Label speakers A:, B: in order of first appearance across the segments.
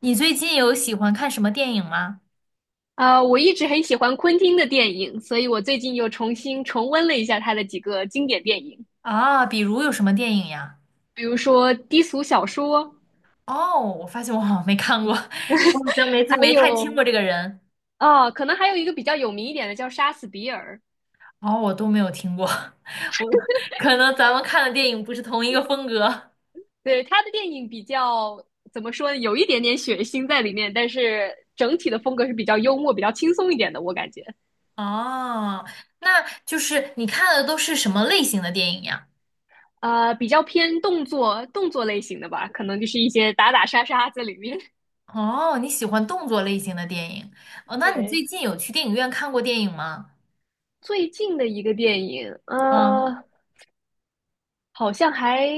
A: 你最近有喜欢看什么电影吗？
B: 我一直很喜欢昆汀的电影，所以我最近又重新重温了一下他的几个经典电影，
A: 啊，比如有什么电影呀？
B: 比如说《低俗小说》，
A: 哦，我发现我好像没看过，我好像
B: 还
A: 没太听过
B: 有
A: 这个人。
B: 可能还有一个比较有名一点的叫《杀死比尔》。
A: 哦，我都没有听过，我可能咱们看的电影不是同一个风格。
B: 对，他的电影比较怎么说呢，有一点点血腥在里面，但是整体的风格是比较幽默、比较轻松一点的，我感觉。
A: 哦，那就是你看的都是什么类型的电影呀？
B: 比较偏动作类型的吧，可能就是一些打打杀杀在里面。
A: 哦，你喜欢动作类型的电影。哦，那你
B: 对，
A: 最近有去电影院看过电影吗？
B: 最近的一个电影，
A: 嗯。
B: 好像还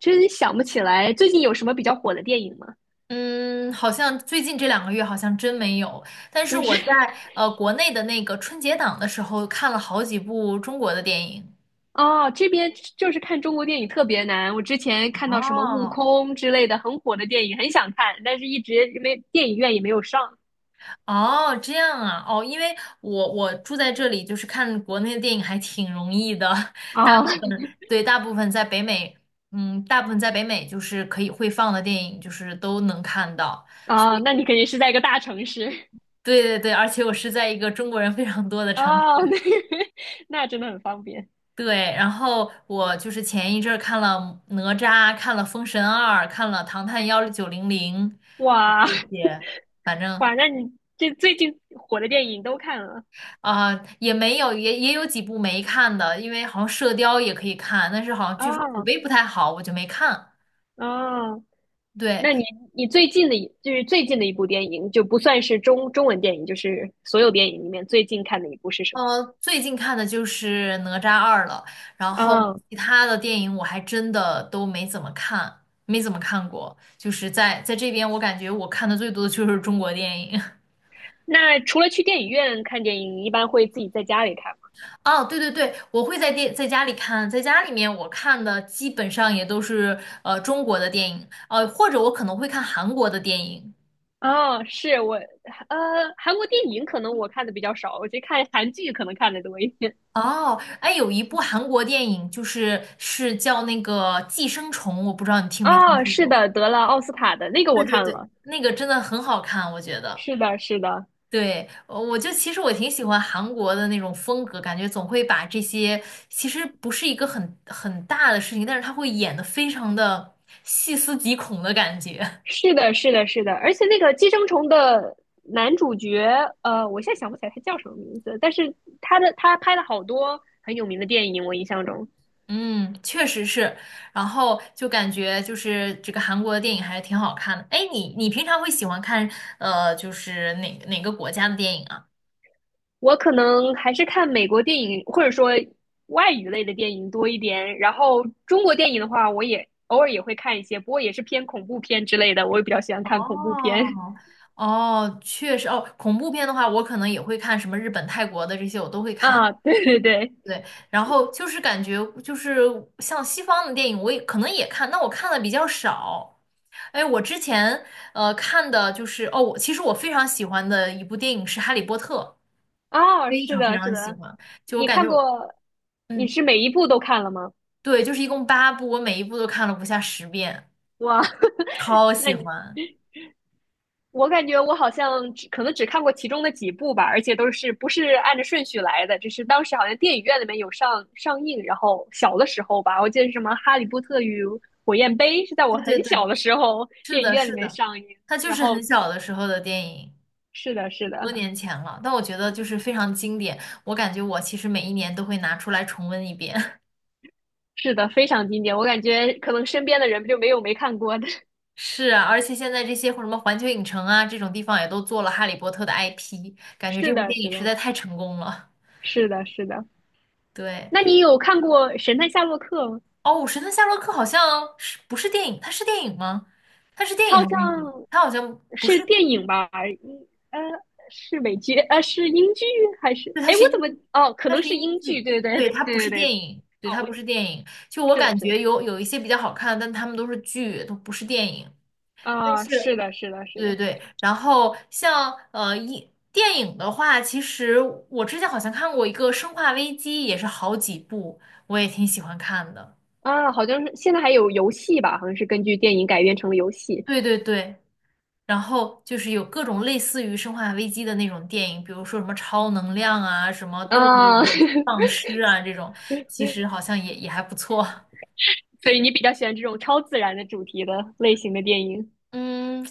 B: 真想不起来最近有什么比较火的电影吗？
A: 嗯，好像最近这2个月好像真没有，但是
B: 就
A: 我
B: 是
A: 在 国内的那个春节档的时候看了好几部中国的电影。
B: 哦，这边就是看中国电影特别难。我之前看到什么《悟
A: 哦
B: 空》之类的很火的电影，很想看，但是一直没电影院也没有上。
A: 哦，这样啊，哦，因为我住在这里，就是看国内的电影还挺容易的，大部
B: 哦，
A: 分对大部分在北美，嗯，大部分在北美就是可以会放的电影，就是都能看到。所
B: 哦，那
A: 以
B: 你肯定是在一个大城市。
A: 对对对，而且我是在一个中国人非常多的城
B: 哦，那
A: 市。
B: 那真的很方便。
A: 对，然后我就是前一阵儿看了哪吒，看了《封神二》，看了《唐探1900》
B: 哇，
A: 这些，反正
B: 哇，那你这最近火的电影都看了。
A: 啊、也没有，也有几部没看的，因为好像《射雕》也可以看，但是好像据说口
B: 哦，
A: 碑不太好，我就没看。
B: 哦，
A: 对，
B: 那你你最近的一就是最近的一部电影，就不算是中文电影，就是所有电影里面最近看的一部是什么？
A: 最近看的就是《哪吒二》了，然后
B: 哦，
A: 其他的电影我还真的都没怎么看，没怎么看过。就是在这边，我感觉我看的最多的就是中国电影。
B: 那除了去电影院看电影，你一般会自己在家里看吗？
A: 哦，对对对，我会在家里看，在家里面我看的基本上也都是中国的电影，或者我可能会看韩国的电影。
B: 哦，是我，韩国电影可能我看的比较少，我去看韩剧可能看的多一点。
A: 哦，哎，有一部韩国电影就是是叫那个《寄生虫》，我不知道你听没听
B: 哦，
A: 说
B: 是
A: 过。
B: 的，得了奥斯卡的那个
A: 对
B: 我
A: 对
B: 看
A: 对，
B: 了，
A: 那个真的很好看，我觉得。
B: 是的，是的。
A: 对，我就其实我挺喜欢韩国的那种风格，感觉总会把这些其实不是一个很大的事情，但是他会演得非常的细思极恐的感觉。
B: 是的，是的，是的，而且那个寄生虫的男主角，我现在想不起来他叫什么名字，但是他的他拍了好多很有名的电影，我印象中。
A: 嗯，确实是，然后就感觉就是这个韩国的电影还是挺好看的。哎，你平常会喜欢看就是哪个国家的电影啊？
B: 我可能还是看美国电影或者说外语类的电影多一点，然后中国电影的话，我也偶尔也会看一些，不过也是偏恐怖片之类的，我也比较喜欢看恐怖片。
A: 哦哦，确实哦，恐怖片的话，我可能也会看什么日本、泰国的这些，我都会 看。
B: 啊，对对对。
A: 对，然后就是感觉就是像西方的电影，我也可能也看，那我看的比较少。哎，我之前看的就是，我其实我非常喜欢的一部电影是《哈利波特》。
B: 哦，
A: 非
B: 是
A: 常非
B: 的，是
A: 常喜
B: 的，
A: 欢。就我
B: 你
A: 感
B: 看
A: 觉我，
B: 过，你
A: 嗯，
B: 是每一部都看了吗？
A: 对，就是一共8部，我每一部都看了不下10遍，
B: 哇，
A: 超
B: 那
A: 喜
B: 你。
A: 欢。
B: 我感觉我好像只可能只看过其中的几部吧，而且都是不是按着顺序来的，只是当时好像电影院里面有上映，然后小的时候吧，我记得是什么《哈利波特与火焰杯》是在我
A: 对对
B: 很小
A: 对，
B: 的时候
A: 是
B: 电影
A: 的，
B: 院里
A: 是
B: 面
A: 的，
B: 上映，
A: 它就
B: 然
A: 是很
B: 后
A: 小的时候的电影，
B: 是的，是
A: 很多
B: 的，
A: 年前了，但我觉得就是
B: 嗯。
A: 非常经典。我感觉我其实每一年都会拿出来重温一遍。
B: 是的，非常经典，我感觉可能身边的人就没有没看过的。
A: 是啊，而且现在这些或什么环球影城啊这种地方也都做了《哈利波特》的 IP，感觉这
B: 是
A: 部
B: 的，
A: 电影
B: 是
A: 实
B: 的，
A: 在太成功了。
B: 是的，是的。
A: 对。
B: 那你有看过《神探夏洛克》吗？
A: 哦，《神探夏洛克》好像是不是电影？它是电影吗？它是电
B: 他
A: 影
B: 好
A: 还是电视剧？
B: 像
A: 它好像不
B: 是
A: 是，
B: 电影吧？是美剧，是英剧还是？
A: 对，它
B: 哎，
A: 是
B: 我
A: 英，
B: 怎么。哦？可
A: 它
B: 能
A: 是
B: 是
A: 英
B: 英
A: 剧，
B: 剧，对对对
A: 对，它不是
B: 对对
A: 电
B: 对。
A: 影，对，
B: 哦，
A: 它
B: 我
A: 不是电影。就我
B: 是的，
A: 感
B: 是的，
A: 觉
B: 是的，
A: 有一些比较好看，但他们都是剧，都不是电影。但
B: 啊，
A: 是
B: 是的，是的，是
A: 对对
B: 的。
A: 对，然后像电影的话，其实我之前好像看过一个《生化危机》，也是好几部，我也挺喜欢看的。
B: 啊，好像是现在还有游戏吧？好像是根据电影改编成了游戏。
A: 对对对。然后就是有各种类似于《生化危机》的那种电影，比如说什么超能量啊、什么动物
B: 啊。
A: 啊、丧尸啊这种，其实好像也还不错。
B: 所以你比较喜欢这种超自然的主题的类型的电影。
A: 嗯，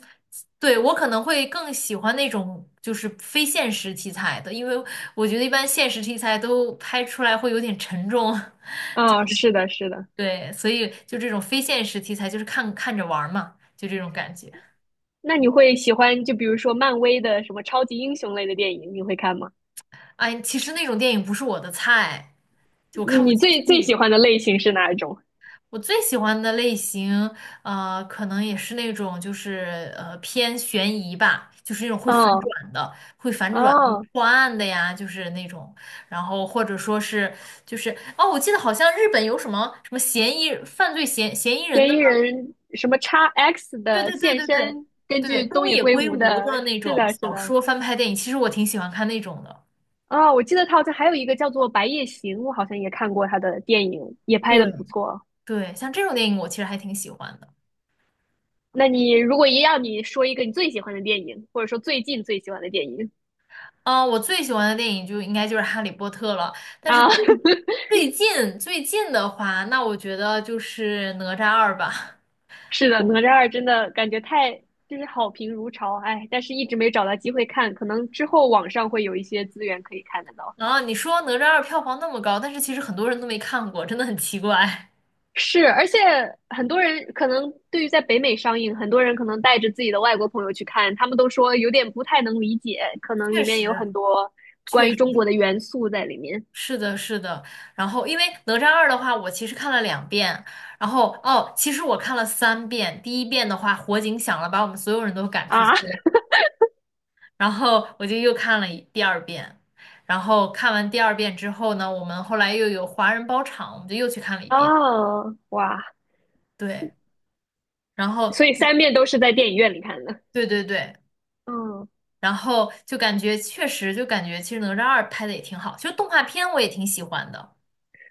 A: 对，我可能会更喜欢那种就是非现实题材的，因为我觉得一般现实题材都拍出来会有点沉重。
B: 啊？是的，是的。
A: 对，所以就这种非现实题材，就是看看着玩儿嘛，就这种感觉。
B: 那你会喜欢就比如说漫威的什么超级英雄类的电影，你会看吗？
A: 哎，其实那种电影不是我的菜，就我看不
B: 你
A: 进
B: 最最喜
A: 去。
B: 欢的类型是哪一种？
A: 我最喜欢的类型，可能也是那种就是偏悬疑吧，就是那种会
B: 啊，
A: 反
B: 哦。
A: 转的，会反转就
B: 哦，
A: 破案的呀，就是那种，然后或者说是就是哦，我记得好像日本有什么什么嫌疑犯罪嫌嫌疑人
B: 嫌
A: 的，
B: 疑人什么叉 X
A: 对
B: 的
A: 对对
B: 现
A: 对对
B: 身，根
A: 对，
B: 据东
A: 东
B: 野
A: 野
B: 圭
A: 圭
B: 吾
A: 吾
B: 的，
A: 的那
B: 是
A: 种
B: 的，是
A: 小
B: 的。
A: 说翻拍电影，其实我挺喜欢看那种的。
B: 啊，我记得他好像还有一个叫做《白夜行》，我好像也看过他的电影，也拍的
A: 对，
B: 不错。
A: 对，像这种电影我其实还挺喜欢的。
B: 那你如果一样，你说一个你最喜欢的电影，或者说最近最喜欢的电影。
A: 啊、我最喜欢的电影就应该就是《哈利波特》了。但是
B: 啊，
A: 最 最近最近的话，那我觉得就是《哪吒二》吧。
B: 是的，《哪吒二》真的感觉太就是好评如潮，哎，但是一直没找到机会看，可能之后网上会有一些资源可以看得到。
A: 啊，你说《哪吒二》票房那么高，但是其实很多人都没看过，真的很奇怪。
B: 是，而且很多人可能对于在北美上映，很多人可能带着自己的外国朋友去看，他们都说有点不太能理解，可能
A: 确
B: 里面有
A: 实，
B: 很多关
A: 确
B: 于中
A: 实
B: 国的元素在里面。
A: 是的，是的。然后，因为《哪吒二》的话，我其实看了2遍。然后，哦，其实我看了3遍。第1遍的话，火警响了，把我们所有人都赶出去。
B: 啊
A: 然后我就又看了第二遍，然后看完第二遍之后呢，我们后来又有华人包场，我们就又去看了一遍。
B: 哦，哇，
A: 对，然后
B: 所以三遍都是在电影院里看的。
A: 对对对，
B: 嗯，
A: 然后就感觉确实就感觉其实哪吒二拍的也挺好，其实动画片我也挺喜欢的。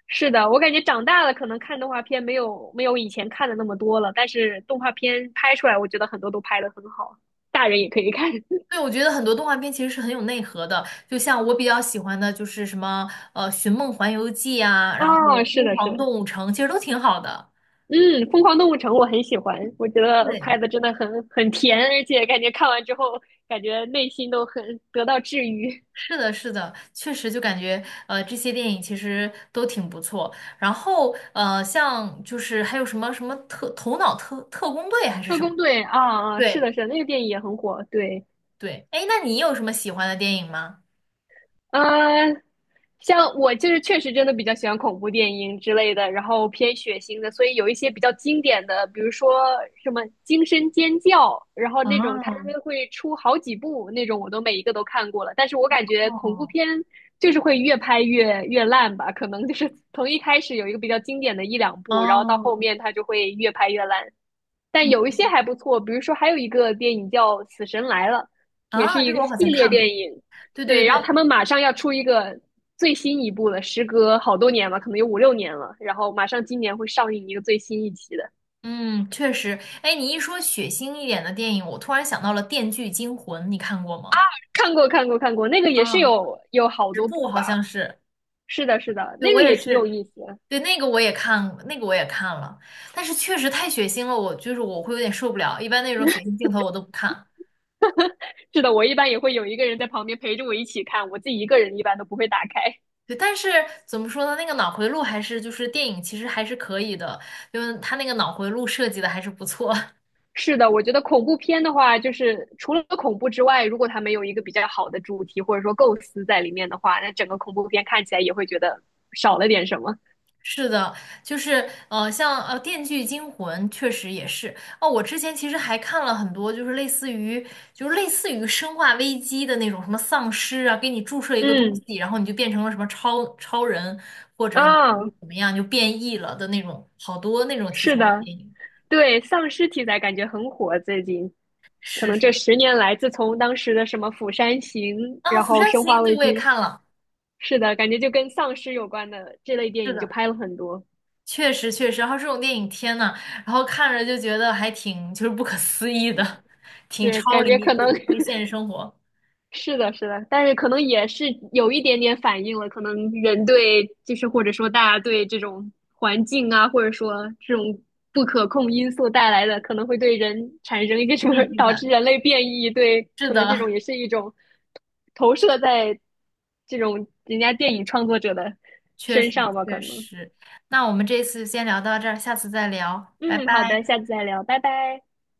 B: 是的，我感觉长大了可能看动画片没有以前看的那么多了，但是动画片拍出来，我觉得很多都拍得很好，大人也可以看。
A: 对，我觉得很多动画片其实是很有内核的，就像我比较喜欢的就是什么《寻梦环游记》啊，然后
B: 哦，是
A: 《疯
B: 的，是
A: 狂
B: 的，
A: 动物城》，其实都挺好的。
B: 嗯，《疯狂动物城》我很喜欢，我觉得拍
A: 对。
B: 的真的很甜，而且感觉看完之后，感觉内心都很得到治愈。
A: 是的，是的，确实就感觉这些电影其实都挺不错。然后像就是还有什么什么特头脑特工队还是
B: 特
A: 什么？
B: 工队啊，啊，是
A: 对
B: 的，是的，那个电影也很火，对。
A: 对，哎，那你有什么喜欢的电影吗？
B: 呃，像我就是确实真的比较喜欢恐怖电影之类的，然后偏血腥的，所以有一些比较经典的，比如说什么《惊声尖叫》，然后那种它
A: 啊，
B: 会出好几部那种，我都每一个都看过了。但是我感觉恐怖
A: 哦
B: 片就是会越拍越烂吧，可能就是从一开始有一个比较经典的一两部，然后到
A: 哦，
B: 后面它就会越拍越烂。但
A: 嗯
B: 有一些还不错，比如说还有一个电影叫《死神来了》，也是
A: 啊，
B: 一
A: 这个
B: 个
A: 我
B: 系
A: 好像
B: 列
A: 看
B: 电
A: 过。
B: 影。
A: 对对
B: 对，然后
A: 对，
B: 他们马上要出一个最新一部了，时隔好多年了，可能有五六年了，然后马上今年会上映一个最新一期的。
A: 嗯，确实。哎，你一说血腥一点的电影，我突然想到了《电锯惊魂》，你看过吗？
B: 看过，看过，看过，那个也是
A: 啊，
B: 有好
A: 十
B: 多
A: 部
B: 部
A: 好
B: 吧。
A: 像是。
B: 是的，是的，
A: 对，
B: 那
A: 我
B: 个
A: 也
B: 也挺有
A: 是，
B: 意思的。
A: 对，那个我也看，那个我也看了，但是确实太血腥了，我就是我会有点受不了，一般那种血腥镜头我都不看。
B: 是的，我一般也会有一个人在旁边陪着我一起看，我自己一个人一般都不会打开。
A: 对，但是怎么说呢，那个脑回路还是就是电影其实还是可以的，因为他那个脑回路设计的还是不错。
B: 是的，我觉得恐怖片的话，就是除了恐怖之外，如果它没有一个比较好的主题或者说构思在里面的话，那整个恐怖片看起来也会觉得少了点什么。
A: 是的，就是，像《电锯惊魂》确实也是哦。我之前其实还看了很多，就是类似于《生化危机》的那种什么丧尸啊，给你注射一个东
B: 嗯，
A: 西，然后你就变成了什么超人，或者你可
B: 啊、
A: 以怎么样就变异了的那种，好多那种题
B: 是
A: 材的
B: 的，
A: 电影。
B: 对，丧尸题材感觉很火，最近可
A: 是
B: 能这
A: 是
B: 十年来，自从当时的什么《釜山行》，
A: 啊，
B: 然
A: 《釜
B: 后
A: 山
B: 《生化
A: 行》对
B: 危
A: 我也
B: 机》，
A: 看了，
B: 是的，感觉就跟丧尸有关的这类电
A: 是
B: 影就
A: 的，
B: 拍了很多，
A: 确实确实。然后这种电影，天呐，然后看着就觉得还挺就是不可思议的，挺
B: 是
A: 超
B: 感觉
A: 离
B: 可
A: 就
B: 能
A: 超离现实生活。
B: 是的，是的，但是可能也是有一点点反应了，可能人对就是或者说大家对这种环境啊，或者说这种不可控因素带来的，可能会对人产生一个什么，
A: 畏 惧
B: 导致
A: 感。
B: 人类变异，对，
A: 是
B: 可能这种
A: 的，
B: 也是一种投射在这种人家电影创作者的
A: 确
B: 身
A: 实
B: 上吧，
A: 确
B: 可能。
A: 实。那我们这次先聊到这儿，下次再聊，拜
B: 嗯，好的，
A: 拜。
B: 下次再聊，拜拜。